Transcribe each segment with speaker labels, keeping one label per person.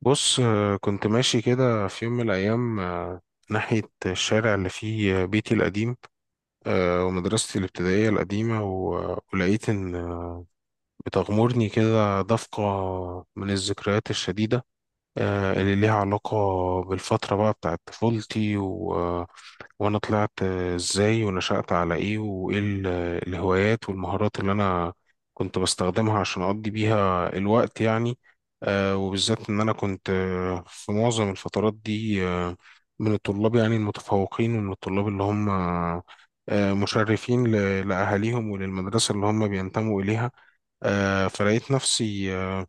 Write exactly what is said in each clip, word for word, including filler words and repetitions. Speaker 1: بص آه، كنت ماشي كده في يوم من الأيام، آه، ناحية الشارع اللي فيه بيتي القديم، آه، ومدرستي الابتدائية القديمة و- ولقيت إن بتغمرني كده دفقة من الذكريات الشديدة، آه، اللي ليها علاقة بالفترة بقى بتاعت طفولتي، و... آه، وأنا طلعت آه، إزاي ونشأت على إيه، وإيه ال- الهوايات والمهارات اللي أنا كنت بستخدمها عشان أقضي بيها الوقت يعني. آه، وبالذات إن أنا كنت آه، في معظم الفترات دي آه، من الطلاب يعني المتفوقين، ومن الطلاب اللي هم آه، مشرفين ل- لأهاليهم وللمدرسة اللي هم بينتموا إليها. آه، فلقيت نفسي آه،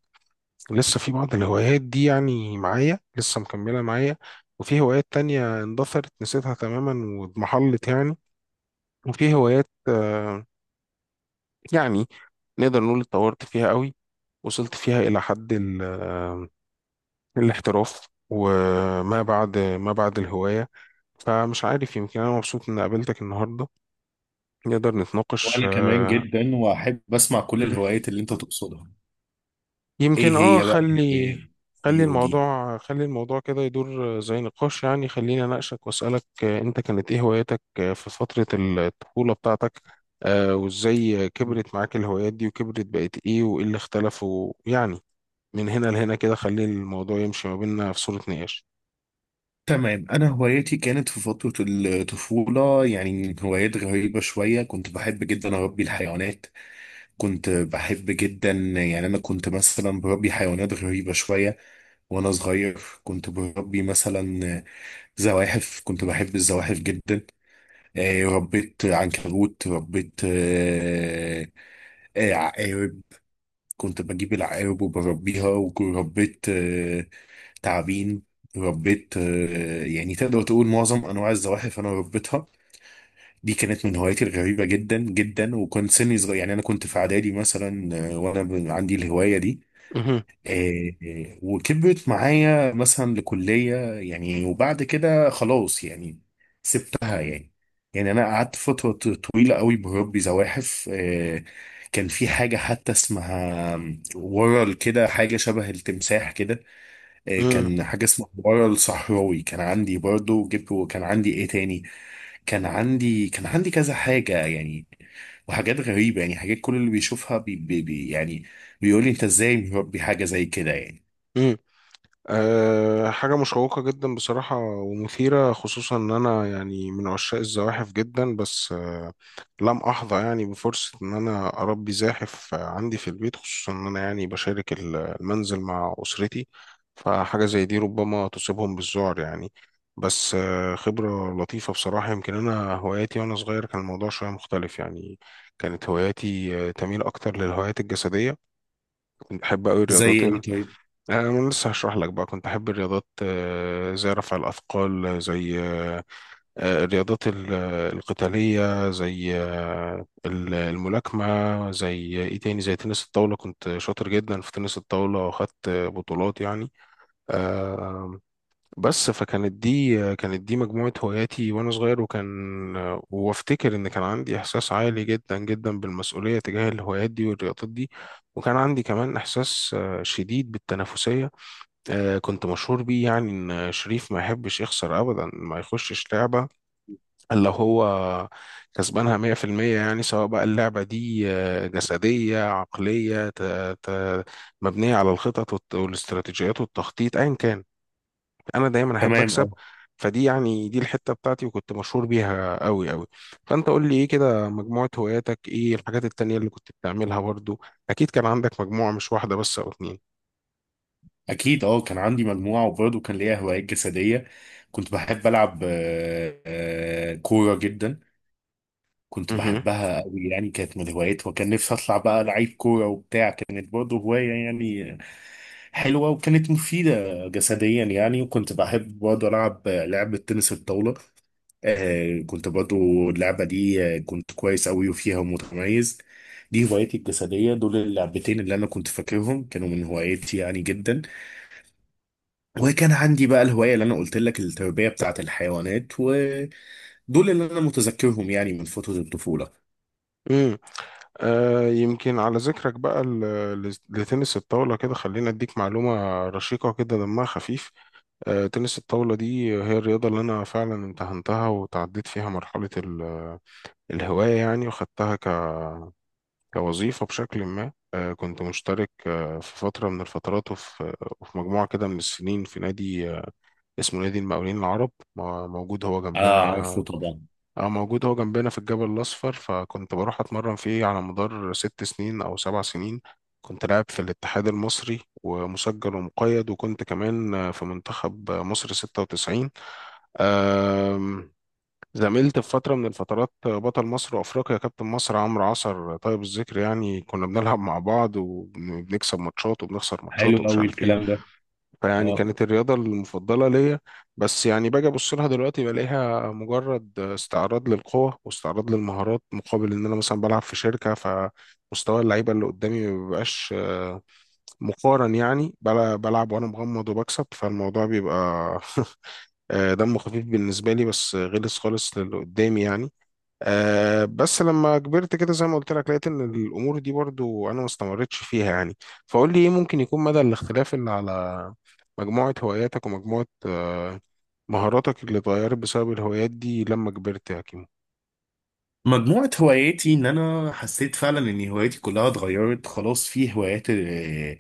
Speaker 1: لسه في بعض الهوايات دي، يعني معايا لسه مكملة معايا، وفي هوايات تانية اندثرت نسيتها تماما واضمحلت يعني، وفي هوايات آه، يعني نقدر نقول اتطورت فيها قوي، وصلت فيها إلى حد ال- آه، الاحتراف وما بعد ما بعد الهواية. فمش عارف، يمكن أنا مبسوط إن قابلتك النهاردة، نقدر نتناقش.
Speaker 2: وانا كمان
Speaker 1: آه،
Speaker 2: جدا، واحب اسمع كل الهوايات اللي انت تقصدها. ايه
Speaker 1: يمكن اه
Speaker 2: هي بقى
Speaker 1: خلي
Speaker 2: الهوايات دي
Speaker 1: خلي
Speaker 2: ودي؟
Speaker 1: الموضوع خلي الموضوع كده يدور زي نقاش يعني. خليني اناقشك واسالك، آه، انت كانت ايه هواياتك آه، في فتره الطفوله بتاعتك؟ آه، وازاي كبرت معاك الهوايات دي وكبرت بقت ايه، وايه اللي اختلف، ويعني من هنا لهنا كده خلي الموضوع يمشي ما بيننا في صوره نقاش.
Speaker 2: تمام. انا هواياتي كانت في فترة الطفولة، يعني هوايات غريبة شوية. كنت بحب جدا اربي الحيوانات. كنت بحب جدا، يعني انا كنت مثلا بربي حيوانات غريبة شوية. وانا صغير كنت بربي مثلا زواحف. كنت بحب الزواحف جدا. آه، ربيت عنكبوت. ربيت آه، آه، كنت بجيب العقارب وبربيها. وربيت آه، تعابين. ربيت آه، يعني تقدر تقول معظم انواع الزواحف انا ربيتها. دي كانت من هواياتي الغريبة جدا جدا، وكنت سني صغير. يعني انا كنت في اعدادي مثلا، آه، وانا ب- عندي الهواية دي.
Speaker 1: مهم.
Speaker 2: إيه إيه، وكبرت معايا مثلا لكلية يعني. وبعد كده خلاص يعني سبتها يعني. يعني أنا قعدت فترة ط- طويلة قوي بربي زواحف. إيه، كان في حاجة حتى اسمها ورل، كده حاجة شبه التمساح كده. إيه، كان حاجة اسمها ورل صحراوي كان عندي برضه، جبت. وكان عندي ايه تاني؟ كان عندي كان عندي كذا حاجة يعني. وحاجات غريبة يعني، حاجات كل اللي بيشوفها بي بي بي يعني بيقول لي، انت ازاي مربي حاجة زي كده يعني؟
Speaker 1: مم. أه حاجة مشوقة جدا بصراحة ومثيرة، خصوصا إن أنا يعني من عشاق الزواحف جدا، بس أه لم أحظى يعني بفرصة إن أنا أربي زاحف آه، عندي في البيت، خصوصا إن أنا يعني بشارك ال- المنزل مع أسرتي، فحاجة زي دي ربما تصيبهم بالذعر يعني. بس أه خبرة لطيفة بصراحة. يمكن أنا هواياتي وأنا صغير كان الموضوع شوية مختلف يعني. كانت هواياتي آه، تميل أكتر للهوايات الجسدية، كنت بحب أوي الرياضات.
Speaker 2: زي ايه طيب؟
Speaker 1: آه، أنا لسه هشرح لك بقى. كنت أحب الرياضات آه، زي رفع الأثقال، آه، زي آه، آه، الرياضات ال- آه، القتالية زي آه، ال- الملاكمة، زي آه، إيه تاني، زي تنس الطاولة. كنت شاطر جدا في تنس الطاولة، وأخدت آه، بطولات يعني. آه، بس فكانت دي آه، كانت دي مجموعة هواياتي وأنا صغير، وكان آه، وأفتكر إن كان عندي إحساس عالي جدا جدا بالمسؤولية تجاه الهوايات دي والرياضات دي، وكان عندي كمان إحساس آه، شديد بالتنافسية. آه، كنت مشهور بيه، يعني ان شريف ما يحبش يخسر ابدا، ما يخشش لعبه الا هو كسبانها مية في المية. يعني سواء بقى اللعبه دي آه، جسديه، عقليه، ت- ت- مبنيه على الخطط والت- والاستراتيجيات والتخطيط، ايا كان، انا دايما احب
Speaker 2: تمام. اه.
Speaker 1: اكسب. فدي يعني دي الحته بتاعتي، وكنت مشهور بيها قوي قوي. فانت قول لي ايه كده مجموعه هواياتك، ايه الحاجات التانيه اللي كنت بتعملها برضو؟ اكيد كان عندك مجموعه، مش واحده بس او اتنين.
Speaker 2: اكيد، اه، كان عندي مجموعه، وبرضه كان ليا هوايات جسديه. كنت بحب العب آه، آه، كوره جدا. كنت
Speaker 1: مهم.
Speaker 2: بحبها قوي يعني، كانت من هواياتي. وكان نفسي اطلع بقى لعيب كوره وبتاع. كانت برضه هوايه يعني، حلوه وكانت مفيده جسديا يعني. وكنت بحب برضه العب لعبه تنس الطاوله. آه، كنت برضه اللعبه دي، آه، كنت كويس قوي وفيها متميز. دي هوايتي الجسديه. دول اللعبتين اللي انا كنت فاكرهم، كانوا من هوايتي يعني جدا. وكان عندي بقى الهوايه اللي انا قلت لك، التربيه بتاعه الحيوانات، ودول اللي انا متذكرهم يعني من فتره الطفوله.
Speaker 1: آه يمكن على ذكرك بقى ل- ل- لتنس الطاولة، كده خلينا اديك معلومة رشيقة كده دمها خفيف. آه تنس الطاولة دي هي الرياضة اللي انا فعلا امتهنتها وتعديت فيها مرحلة ال- الهواية يعني، وخدتها ك- كوظيفة بشكل ما. آه كنت مشترك آه في فترة من الفترات، وفي آه، وفي مجموعة كده من السنين في نادي آه اسمه نادي المقاولين العرب، م- موجود هو جنبنا.
Speaker 2: اه، عارفه طبعا.
Speaker 1: اه موجود هو جنبنا في الجبل الأصفر، فكنت بروح أتمرن فيه على مدار ست سنين أو سبع سنين. كنت لاعب في الاتحاد المصري ومسجل ومقيد، وكنت كمان في منتخب مصر ستة وتسعين. أم، زميلت في فترة من الفترات بطل مصر وأفريقيا كابتن مصر عمرو عصر طيب الذكر، يعني كنا بنلعب مع بعض، وبنكسب ماتشات وبنخسر
Speaker 2: حلو
Speaker 1: ماتشات، ومش
Speaker 2: قوي
Speaker 1: عارف إيه.
Speaker 2: الكلام ده.
Speaker 1: فيعني
Speaker 2: اه.
Speaker 1: كانت الرياضة المفضلة ليا. بس يعني باجي أبص لها دلوقتي بلاقيها مجرد استعراض للقوة واستعراض للمهارات، مقابل إن أنا مثلا بلعب في شركة، فمستوى اللعيبة اللي قدامي ما بيبقاش آه، مقارن يعني، بل- بلعب وأنا مغمض وبكسب، فالموضوع بيبقى آه، دمه خفيف بالنسبة لي، بس غلس خالص للي قدامي يعني. أه بس لما كبرت كده زي ما قلت لك، لقيت ان الامور دي برضو انا ما استمرتش فيها يعني. فقول لي ايه ممكن يكون مدى الاختلاف اللي على مجموعة هواياتك ومجموعة أه مهاراتك اللي اتغيرت بسبب الهوايات دي لما كبرت يا كيمو؟
Speaker 2: مجموعة هواياتي، ان انا حسيت فعلا ان هواياتي كلها اتغيرت خلاص. في هوايات آه،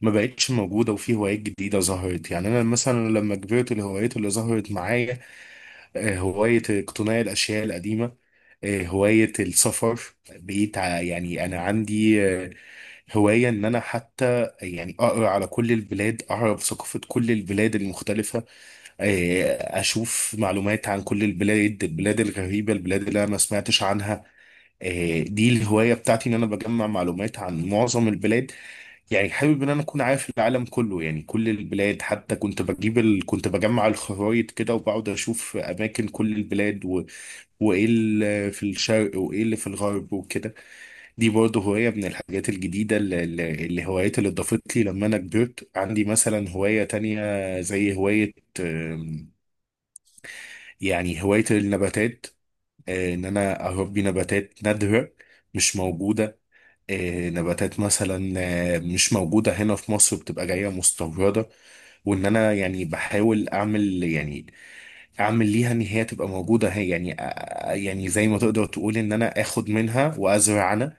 Speaker 2: ما بقتش موجودة، وفي هوايات جديدة ظهرت. يعني انا مثلا لما كبرت، الهوايات اللي ظهرت معايا آه، هواية اقتناء الاشياء القديمة، آه، هواية السفر. بقيت ع- يعني انا عندي آه، هواية ان انا حتى يعني اقرا على كل البلاد، اعرف ثقافة كل البلاد المختلفة. آه، اشوف معلومات عن كل البلاد البلاد الغريبه، البلاد اللي انا ما سمعتش عنها. آه، دي الهوايه بتاعتي، ان انا بجمع معلومات عن معظم البلاد. يعني حابب ان انا اكون عارف العالم كله، يعني كل البلاد. حتى كنت بجيب ال... كنت بجمع الخرايط كده وبقعد اشوف اماكن كل البلاد و... وايه اللي في الشرق وايه اللي في الغرب وكده. دي برضه هوايه من الحاجات الجديده، اللي اللي- الهوايات اللي اضافت لي لما انا كبرت. عندي مثلا هوايه تانية، زي هوايه، يعني هواية النباتات. آه، ان انا اربي نباتات نادرة، مش موجودة. آه، نباتات مثلا آه، مش موجودة هنا في مصر، بتبقى جاية مستوردة. وان انا يعني بحاول اعمل، يعني اعمل ليها ان هي تبقى موجودة هي، يعني آه، آه، يعني زي ما تقدر تقول ان انا اخد منها وازرع انا.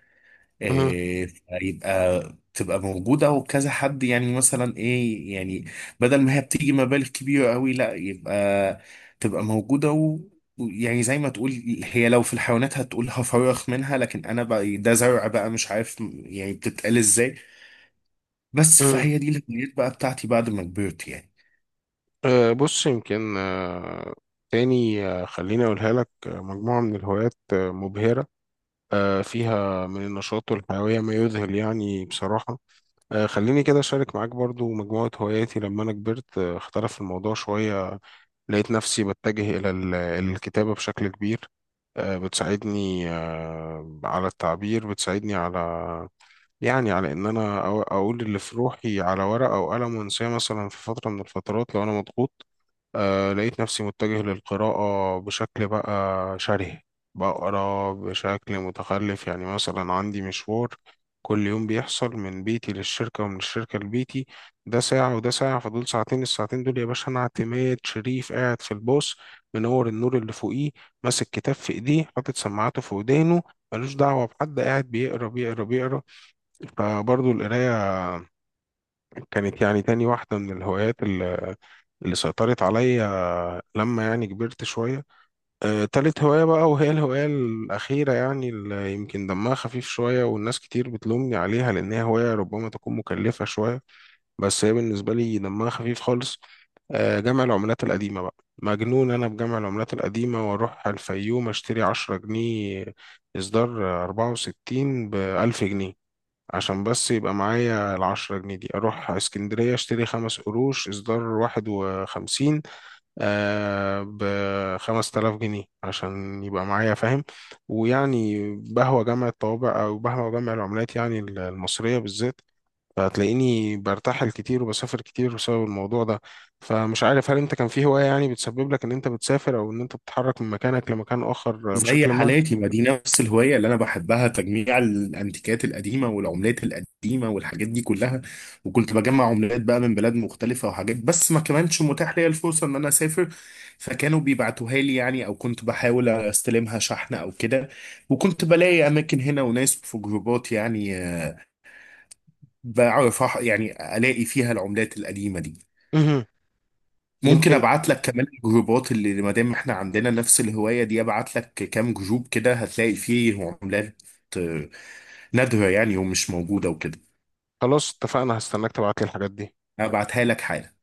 Speaker 1: مهم.
Speaker 2: إيه، فيبقى تبقى موجودة. وكذا حد يعني، مثلا ايه يعني، بدل ما هي بتيجي مبالغ كبيرة قوي، لا، يبقى تبقى موجودة. و و- يعني زي ما تقول، هي لو في الحيوانات هتقول هفرخ منها، لكن انا بقى، إيه، ده زرع بقى، مش عارف يعني بتتقال ازاي. بس
Speaker 1: مهم.
Speaker 2: فهي دي الهوايات بقى بتاعتي بعد ما كبرت يعني.
Speaker 1: أه بص، يمكن أه تاني أه خليني اقولها لك، آه، مجموعة من الهوايات آه، مبهرة، أه فيها من النشاط والحيوية ما يذهل يعني بصراحة. آه، خليني كده أشارك معاك برضو مجموعة هواياتي لما أنا كبرت. آه، اختلف الموضوع شوية، لقيت نفسي بتجه إلى ال- الكتابة بشكل كبير. آه، بتساعدني آه، على التعبير، بتساعدني على يعني على إن أنا أو- أقول اللي في روحي على ورقة أو قلم وأنساه، مثلا في فترة من الفترات لو أنا مضغوط. آه لقيت نفسي متجه للقراءة بشكل بقى شره، بقرا بشكل متخلف يعني. مثلا عندي مشوار كل يوم بيحصل من بيتي للشركة ومن الشركة لبيتي، ده ساعة وده ساعة، فدول ساعتين. الساعتين دول يا باشا، أنا اعتماد شريف قاعد في الباص، منور النور اللي فوقيه، ماسك كتاب في إيديه، حاطط سماعاته في ودانه، ملوش دعوة بحد، قاعد بيقرا بيقرا بيقرا. فبرضه القراية كانت يعني تاني واحدة من الهوايات اللي اللي سيطرت عليا لما يعني كبرت شوية. آه، تالت هواية بقى، وهي الهواية الأخيرة يعني، اللي يمكن دمها خفيف شوية والناس كتير بتلومني عليها، لأن هي هواية ربما تكون مكلفة شوية، بس هي بالنسبة لي دمها خفيف خالص. آه، جمع العملات القديمة بقى. مجنون، أنا بجمع العملات القديمة وأروح الفيوم أشتري عشرة جنيه إصدار أربعة وستين بألف جنيه، عشان بس يبقى معايا العشرة جنيه دي. أروح اسكندرية أشتري خمس قروش إصدار واحد وخمسين آه ب خمسة آلاف جنيه، علشان يبقى معايا، فاهم؟ ويعني بهوى جمع الطوابع أو بهوى جمع العملات يعني المصرية بالذات، فهتلاقيني برتحل كتير وبسافر كتير بسبب الموضوع ده. فمش عارف، هل انت كان في هواية يعني بتسبب لك ان انت بتسافر، او ان انت بتتحرك من مكانك لمكان اخر
Speaker 2: زي
Speaker 1: بشكل ما؟
Speaker 2: حالاتي ما دي، نفس الهواية اللي أنا بحبها، تجميع الأنتيكات القديمة والعملات القديمة والحاجات دي كلها. وكنت بجمع عملات بقى من بلاد مختلفة وحاجات، بس ما كانش متاح ليا الفرصة إن أنا أسافر. فكانوا بيبعتوها لي يعني، أو كنت بحاول أستلمها شحن أو كده. وكنت بلاقي أماكن هنا وناس في جروبات يعني، آه، بعرف أح- يعني ألاقي فيها العملات القديمة دي.
Speaker 1: مهم.
Speaker 2: ممكن
Speaker 1: يمكن.
Speaker 2: ابعت لك كمان الجروبات، اللي ما دام احنا عندنا نفس الهوايه دي، ابعت لك كام جروب كده هتلاقي فيه عملات آه، نادره، يعني ومش موجوده وكده.
Speaker 1: خلاص اتفقنا، هستناك تبعت لي الحاجات دي.
Speaker 2: ابعتها لك حالا.